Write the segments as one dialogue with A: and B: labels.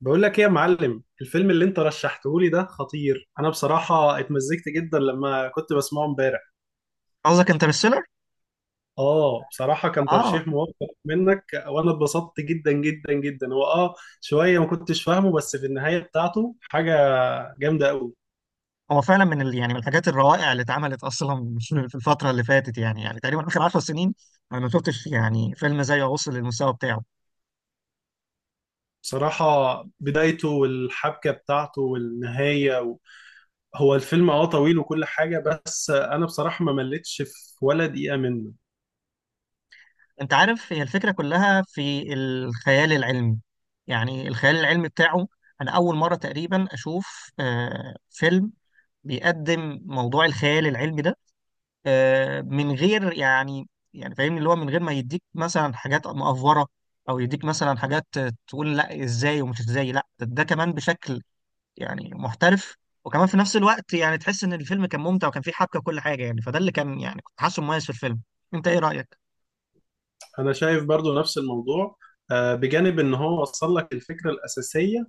A: بقول لك ايه يا معلم؟ الفيلم اللي انت رشحته لي ده خطير. انا بصراحة اتمزجت جدا لما كنت بسمعه امبارح.
B: قصدك انترستيلر؟
A: اه، بصراحة كان
B: اه
A: ترشيح موفق منك، وانا اتبسطت جدا جدا جدا. هو شوية ما كنتش فاهمه، بس في النهاية بتاعته حاجة جامدة قوي.
B: هو فعلا يعني من الحاجات الروائع اللي اتعملت اصلا في الفتره اللي فاتت، يعني تقريبا اخر 10 سنين. انا ما شفتش يعني فيلم زيه وصل للمستوى بتاعه.
A: بصراحة بدايته والحبكة بتاعته والنهاية هو الفيلم طويل وكل حاجة، بس انا بصراحة ما مليتش في ولا دقيقة منه.
B: انت عارف هي الفكره كلها في الخيال العلمي، يعني الخيال العلمي بتاعه. انا اول مره تقريبا اشوف فيلم بيقدم موضوع الخيال العلمي ده، من غير يعني، يعني فاهمني اللي هو من غير ما يديك مثلا حاجات مأفورة، او يديك مثلا حاجات، تقول لا ازاي ومش ازاي، لا ده كمان بشكل يعني محترف. وكمان في نفس الوقت يعني تحس ان الفيلم كان ممتع وكان فيه حبكة وكل حاجة، يعني فده اللي كان يعني كنت حاسه مميز في الفيلم. انت ايه رأيك؟
A: انا شايف برضو نفس الموضوع. بجانب ان هو وصل لك الفكرة الأساسية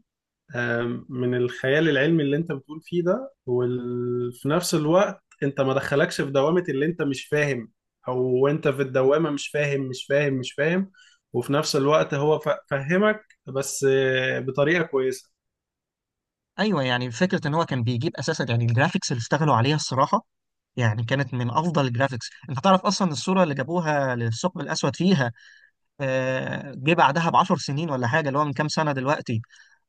A: من الخيال العلمي اللي انت بتقول فيه ده، وفي نفس الوقت انت ما دخلكش في دوامة اللي انت مش فاهم. او انت في الدوامة مش فاهم مش فاهم مش فاهم، وفي نفس الوقت هو فهمك بس، بطريقة كويسة.
B: ايوه يعني فكرة ان هو كان بيجيب اساسا يعني الجرافيكس اللي اشتغلوا عليها الصراحة يعني كانت من افضل الجرافيكس. انت تعرف اصلا الصورة اللي جابوها للثقب الاسود فيها، جه بعدها ب 10 سنين ولا حاجة، اللي هو من كام سنة دلوقتي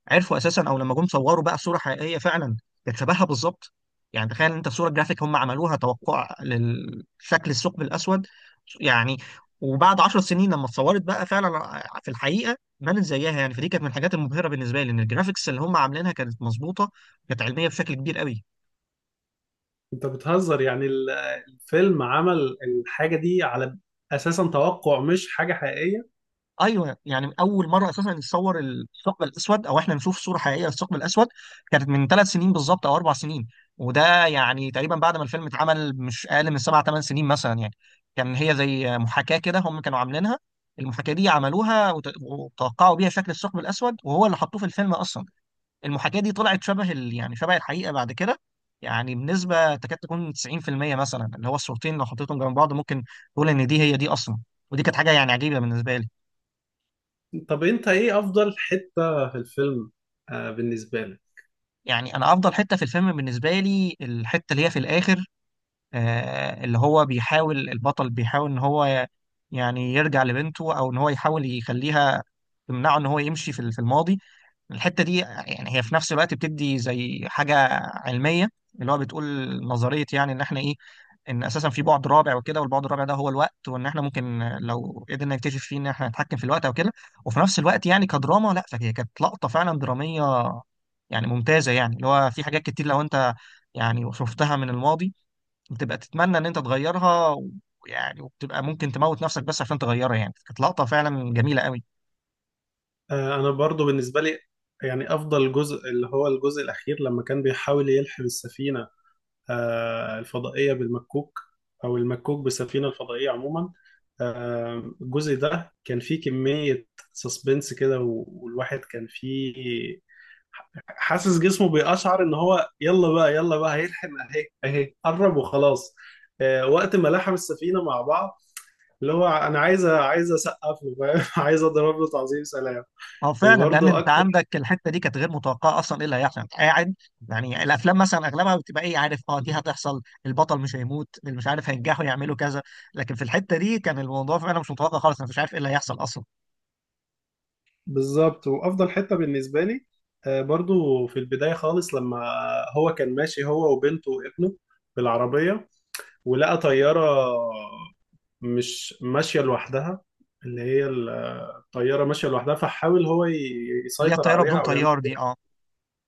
B: عرفوا اساسا، او لما جم صوروا بقى في صوره حقيقيه فعلا كانت شبهها بالظبط. يعني تخيل انت في صوره جرافيك هم عملوها توقع لشكل الثقب الاسود يعني، وبعد 10 سنين لما اتصورت بقى فعلا في الحقيقه بانت زيها. يعني فدي كانت من الحاجات المبهره بالنسبه لي، ان الجرافيكس اللي هم عاملينها كانت مظبوطه، كانت علميه بشكل كبير قوي.
A: انت بتهزر؟ يعني الفيلم عمل الحاجة دي على اساسا توقع مش حاجة حقيقية؟
B: ايوه يعني اول مره اساسا يتصور الثقب الاسود، او احنا نشوف صوره حقيقيه للثقب الاسود كانت من ثلاث سنين بالظبط او اربع سنين، وده يعني تقريبا بعد ما الفيلم اتعمل مش اقل من سبع ثمان سنين مثلا يعني. كان هي زي محاكاه كده هم كانوا عاملينها، المحاكاه دي عملوها وتوقعوا بيها شكل الثقب الاسود، وهو اللي حطوه في الفيلم اصلا. المحاكاه دي طلعت يعني شبه الحقيقه بعد كده، يعني بنسبه تكاد تكون 90% مثلا، اللي هو الصورتين لو حطيتهم جنب بعض ممكن تقول ان دي هي دي اصلا. ودي كانت حاجه يعني عجيبه بالنسبه لي.
A: طب انت ايه افضل حتة في الفيلم بالنسبة لك؟
B: يعني انا افضل حته في الفيلم بالنسبه لي الحته اللي هي في الاخر، اللي هو بيحاول البطل بيحاول ان هو يعني يرجع لبنته، او ان هو يحاول يخليها تمنعه ان هو يمشي في الماضي. الحته دي يعني هي في نفس الوقت بتدي زي حاجه علميه، اللي هو بتقول نظريه، يعني ان احنا ايه، ان اساسا في بعد رابع وكده، والبعد الرابع ده هو الوقت، وان احنا ممكن لو قدرنا نكتشف فيه ان احنا نتحكم في الوقت او كده. وفي نفس الوقت يعني كدراما لا، فهي كانت لقطه فعلا دراميه يعني ممتازه. يعني اللي هو في حاجات كتير لو انت يعني شفتها من الماضي بتبقى تتمنى ان انت تغيرها، ويعني وبتبقى ممكن تموت نفسك بس عشان تغيرها، يعني كانت لقطه فعلا جميله قوي.
A: انا برضو بالنسبه لي يعني افضل جزء اللي هو الجزء الاخير لما كان بيحاول يلحم السفينه الفضائيه بالمكوك، او المكوك بالسفينه الفضائيه عموما. الجزء ده كان فيه كميه سسبنس كده، والواحد كان فيه حاسس جسمه بيقشعر ان هو يلا بقى يلا بقى هيلحم، اهي اهي قرب وخلاص. وقت ما لحم السفينه مع بعض، اللي هو انا عايز اسقف له، فاهم؟ عايز اضرب له تعظيم سلام.
B: اه فعلا، لان
A: وبرضه
B: انت
A: اكتر.
B: عندك الحته دي كانت غير متوقعه اصلا، ايه اللي هيحصل انت قاعد. يعني الافلام مثلا اغلبها بتبقى ايه عارف، اه دي هتحصل، البطل مش هيموت، اللي مش عارف هينجحوا يعملوا كذا، لكن في الحته دي كان الموضوع فعلا مش متوقع خالص، انا مش عارف ايه اللي هيحصل اصلا.
A: بالظبط، وافضل حته بالنسبه لي برضو في البدايه خالص لما هو كان ماشي هو وبنته وابنه بالعربيه، ولقى طياره مش ماشيه لوحدها. اللي هي الطياره ماشيه لوحدها، فحاول هو ي-
B: اللي هي
A: يسيطر
B: الطياره بدون
A: عليها او يعمل،
B: طيار دي اه.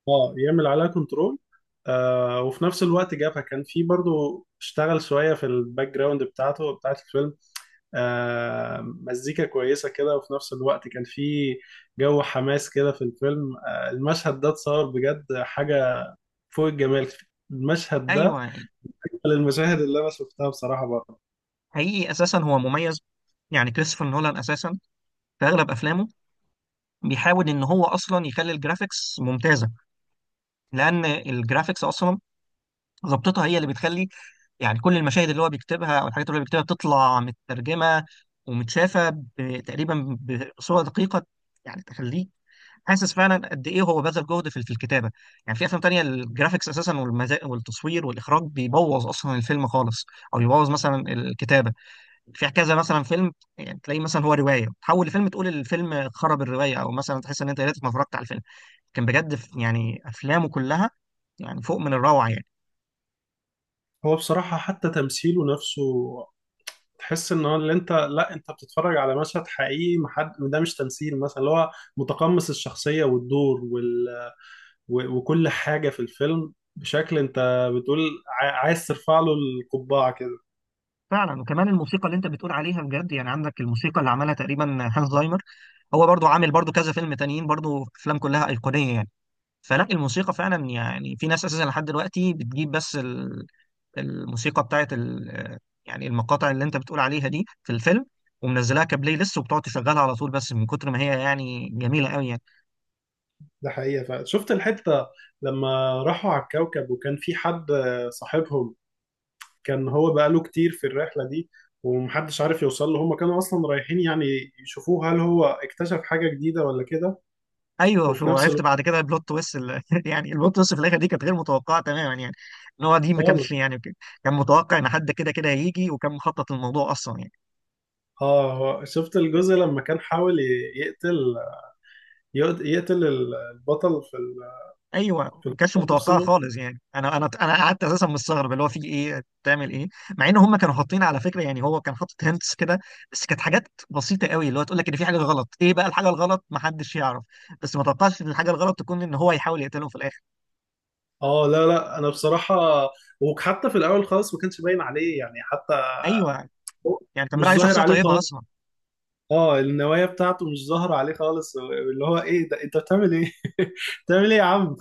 A: اه، يعمل عليها كنترول. وفي نفس الوقت جابها، كان في برضو اشتغل شويه في الباك جراوند بتاعت الفيلم. مزيكا كويسة كده، وفي نفس الوقت كان في جو حماس كده في الفيلم. المشهد ده اتصور بجد حاجة فوق الجمال. المشهد ده
B: ايوه يعني
A: من المشاهد اللي أنا شفتها بصراحة برضه.
B: حقيقي اساسا هو مميز، يعني كريستوفر نولان اساسا في اغلب افلامه بيحاول ان هو اصلا يخلي الجرافيكس ممتازه، لان الجرافيكس اصلا ظبطتها هي اللي بتخلي يعني كل المشاهد اللي هو بيكتبها او الحاجات اللي هو بيكتبها بتطلع مترجمه ومتشافه تقريبا بصوره دقيقه، يعني تخليك حاسس فعلا قد ايه هو بذل جهد في الكتابه. يعني في افلام تانية الجرافيكس اساسا والتصوير والاخراج بيبوظ اصلا الفيلم خالص، او يبوظ مثلا الكتابه في كذا مثلا فيلم. يعني تلاقيه مثلا هو روايه تحول لفيلم تقول الفيلم خرب الروايه، او مثلا تحس ان انت يا ريتك ما اتفرجت على الفيلم. كان بجد يعني افلامه كلها يعني فوق من الروعه يعني.
A: هو بصراحة حتى تمثيله نفسه تحس ان هو اللي انت، لا انت بتتفرج على مشهد حقيقي، محد ده مش تمثيل مثلا، اللي هو متقمص الشخصية والدور وكل حاجة في الفيلم، بشكل انت بتقول عايز ترفع له القبعة كده.
B: فعلا، وكمان الموسيقى اللي انت بتقول عليها بجد، يعني عندك الموسيقى اللي عملها تقريبا هانس زايمر، هو برضو عامل برضو كذا فيلم تانيين، برضو افلام كلها ايقونيه يعني. فلا الموسيقى فعلا، يعني في ناس اساسا لحد دلوقتي بتجيب بس الموسيقى يعني المقاطع اللي انت بتقول عليها دي في الفيلم، ومنزلاها كبلاي ليست وبتقعد تشغلها على طول، بس من كتر ما هي يعني جميله قوي يعني.
A: ده حقيقة فعلا شفت الحتة لما راحوا على الكوكب، وكان في حد صاحبهم كان هو بقاله كتير في الرحلة دي ومحدش عارف يوصل له، هما كانوا أصلا رايحين يعني يشوفوه هل هو اكتشف حاجة جديدة ولا كده.
B: ايوه
A: وفي
B: شو
A: نفس
B: عرفت
A: الوقت
B: بعد كده البلوت تويست يعني البلوت تويست في الاخر دي كانت غير متوقعه تماما يعني. ان هو دي ما كانش
A: خالص.
B: يعني كان متوقع ان حد كده كده هيجي، وكان مخطط الموضوع اصلا يعني.
A: اه، هو- شفت الجزء لما كان حاول يقتل يقتل البطل في ال-
B: ايوه
A: في
B: ما كانش
A: القتال
B: متوقعه
A: نفسه؟
B: خالص يعني، انا قعدت اساسا مستغرب اللي هو في ايه، بتعمل ايه. مع ان هم كانوا حاطين على فكره، يعني هو كان حاطط هنتس كده، بس كانت حاجات بسيطه قوي اللي هو تقول لك ان في حاجه غلط، ايه بقى الحاجه الغلط ما حدش يعرف، بس ما توقعش ان الحاجه الغلط تكون ان هو يحاول يقتلهم في الاخر.
A: اه لا لا انا بصراحة. وحتى في الاول خالص ما كانش باين عليه يعني حتى
B: ايوه
A: هو
B: يعني كان
A: مش
B: بيلعب عليه
A: ظاهر
B: شخصيه
A: عليه
B: طيبه
A: خالص.
B: اصلا.
A: اه، النوايا بتاعته مش ظاهرة عليه خالص، اللي هو ايه ده انت بتعمل ايه؟ بتعمل ايه يا عم؟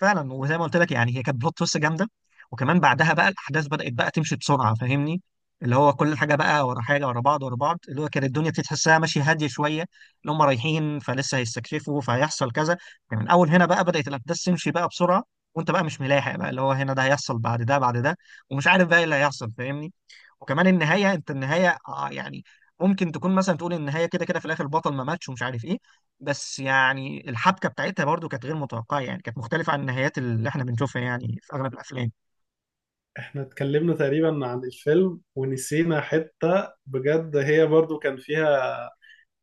B: فعلا وزي ما قلت لك يعني هي كانت بلوت تويست جامده، وكمان بعدها بقى الاحداث بدات بقى تمشي بسرعه فاهمني، اللي هو كل حاجه بقى ورا حاجه، ورا بعض ورا بعض، اللي هو كانت الدنيا بتتحسها ماشيه هاديه شويه، اللي هم رايحين فلسه هيستكشفوا فهيحصل كذا. يعني من اول هنا بقى بدات الاحداث تمشي بقى بسرعه، وانت بقى مش ملاحق بقى اللي هو هنا ده هيحصل بعد ده بعد ده، ومش عارف بقى ايه اللي هيحصل فاهمني. وكمان النهايه، انت النهايه يعني ممكن تكون مثلا تقول النهايه كده كده في الاخر البطل ما ماتش ومش عارف ايه، بس يعني الحبكه بتاعتها برضو كانت غير متوقعه، يعني كانت مختلفه عن النهايات اللي احنا بنشوفها يعني في اغلب الافلام.
A: احنا اتكلمنا تقريبا عن الفيلم ونسينا حتة بجد هي برضو كان فيها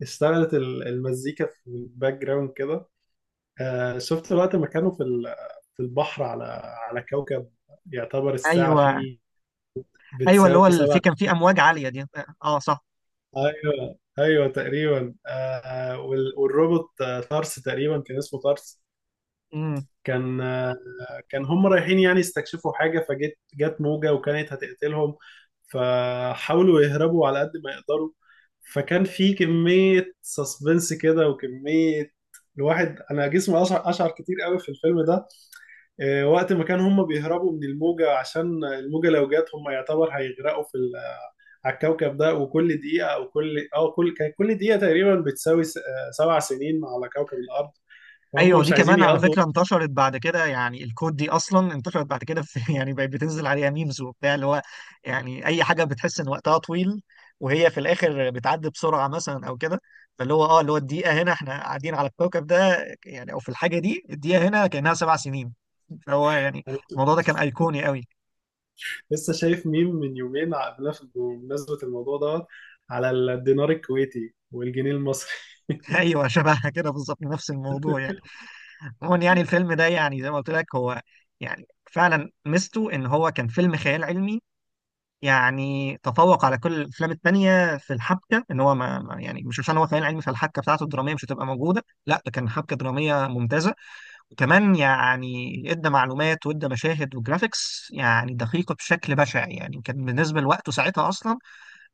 A: اشتغلت المزيكا في الباك جراوند كده. آه شفت وقت ما كانوا في في البحر على على كوكب يعتبر الساعة
B: ايوه،
A: فيه
B: ايوه،
A: بتساوي
B: في
A: 7.
B: كان في امواج عاليه دي، اه، صح.
A: ايوه ايوه تقريبا. آه والروبوت، طرس، تقريبا كان اسمه طرس.
B: مم.
A: كان كان هم رايحين يعني يستكشفوا حاجة، جت موجة وكانت هتقتلهم فحاولوا يهربوا على قد ما يقدروا. فكان في كمية سسبنس كده وكمية، الواحد انا جسمي اشعر كتير قوي في الفيلم ده. وقت ما كان هم بيهربوا من الموجة، عشان الموجة لو جت هم يعتبر هيغرقوا في على الكوكب ده. وكل دقيقة او كل اه كل كان كل دقيقة تقريبا بتساوي 7 سنين على كوكب الارض. فهم
B: ايوه
A: مش
B: دي
A: عايزين
B: كمان على
A: يقضوا.
B: فكره انتشرت بعد كده، يعني الكود دي اصلا انتشرت بعد كده في يعني بقت بتنزل عليها ميمز وبتاع، اللي هو يعني اي حاجه بتحس ان وقتها طويل وهي في الاخر بتعدي بسرعه مثلا او كده. فاللي هو اه اللي هو الدقيقه هنا احنا قاعدين على الكوكب ده يعني، او في الحاجه دي الدقيقه هنا كانها سبع سنين. فهو يعني الموضوع ده كان ايقوني قوي.
A: لسه شايف ميم من يومين قبلها بمناسبة الموضوع دوت على الدينار الكويتي والجنيه المصري
B: ايوه شبهها كده بالظبط نفس الموضوع يعني. عموما يعني الفيلم ده يعني زي ما قلت لك هو يعني فعلا ميزته ان هو كان فيلم خيال علمي، يعني تفوق على كل الافلام التانية في الحبكه، ان هو يعني مش عشان هو خيال علمي فالحبكه بتاعته الدراميه مش هتبقى موجوده، لا ده كان حبكه دراميه ممتازه. وكمان يعني ادى معلومات وادى مشاهد وجرافيكس يعني دقيقه بشكل بشع يعني، كان بالنسبه لوقته ساعتها اصلا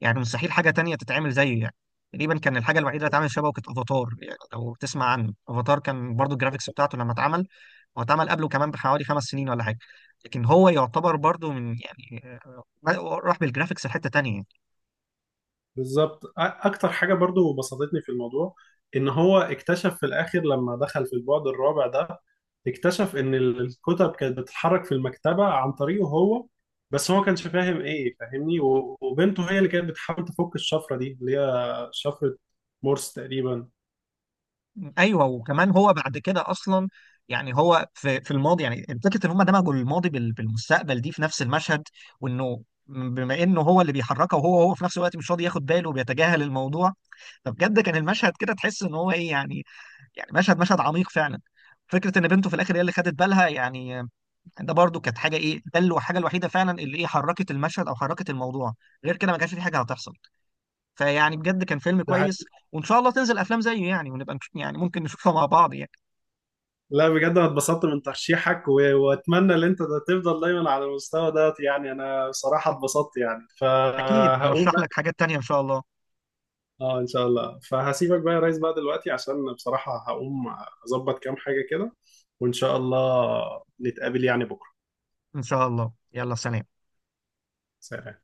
B: يعني مستحيل حاجه تانية تتعمل زيه يعني. تقريبا كان الحاجه الوحيده اللي اتعمل شبهه كانت افاتار، يعني لو تسمع عنه افاتار كان برضو الجرافيكس بتاعته لما اتعمل، هو اتعمل قبله كمان بحوالي خمس سنين ولا حاجه، لكن هو يعتبر برضو من يعني راح بالجرافيكس لحته تانية يعني.
A: بالظبط. اكتر حاجه برضو بسطتني في الموضوع ان هو اكتشف في الاخر لما دخل في البعد الرابع ده، اكتشف ان الكتب كانت بتتحرك في المكتبه عن طريقه هو، بس هو ما كانش فاهم ايه فاهمني، وبنته هي اللي كانت بتحاول تفك الشفره دي، اللي هي شفره مورس تقريبا.
B: ايوه، وكمان هو بعد كده اصلا يعني هو في الماضي، يعني فكره ان هم دمجوا الماضي بالمستقبل دي في نفس المشهد، وانه بما انه هو اللي بيحركه، وهو هو في نفس الوقت مش راضي ياخد باله وبيتجاهل الموضوع، فبجد كان المشهد كده تحس ان هو ايه يعني، يعني مشهد عميق فعلا. فكره ان بنته في الاخر هي اللي خدت بالها يعني، ده برضو كانت حاجه ايه، الحاجه الوحيده فعلا اللي ايه حركت المشهد او حركت الموضوع، غير كده ما كانش في حاجه هتحصل. فيعني بجد كان فيلم
A: ده.
B: كويس، وان شاء الله تنزل افلام زيه يعني، ونبقى يعني ممكن نشوفها مع بعض يعني.
A: لا بجد انا اتبسطت من ترشيحك واتمنى ان انت ده تفضل دايما على المستوى ده، يعني انا بصراحه اتبسطت يعني،
B: اكيد
A: فهقوم
B: نرشح لك
A: بقى.
B: حاجات تانية ان شاء الله.
A: اه ان شاء الله. فهسيبك بقى يا ريس بقى دلوقتي عشان بصراحه هقوم اظبط كام حاجه كده، وان شاء الله نتقابل يعني بكره.
B: ان شاء الله، يلا سلام.
A: سلام.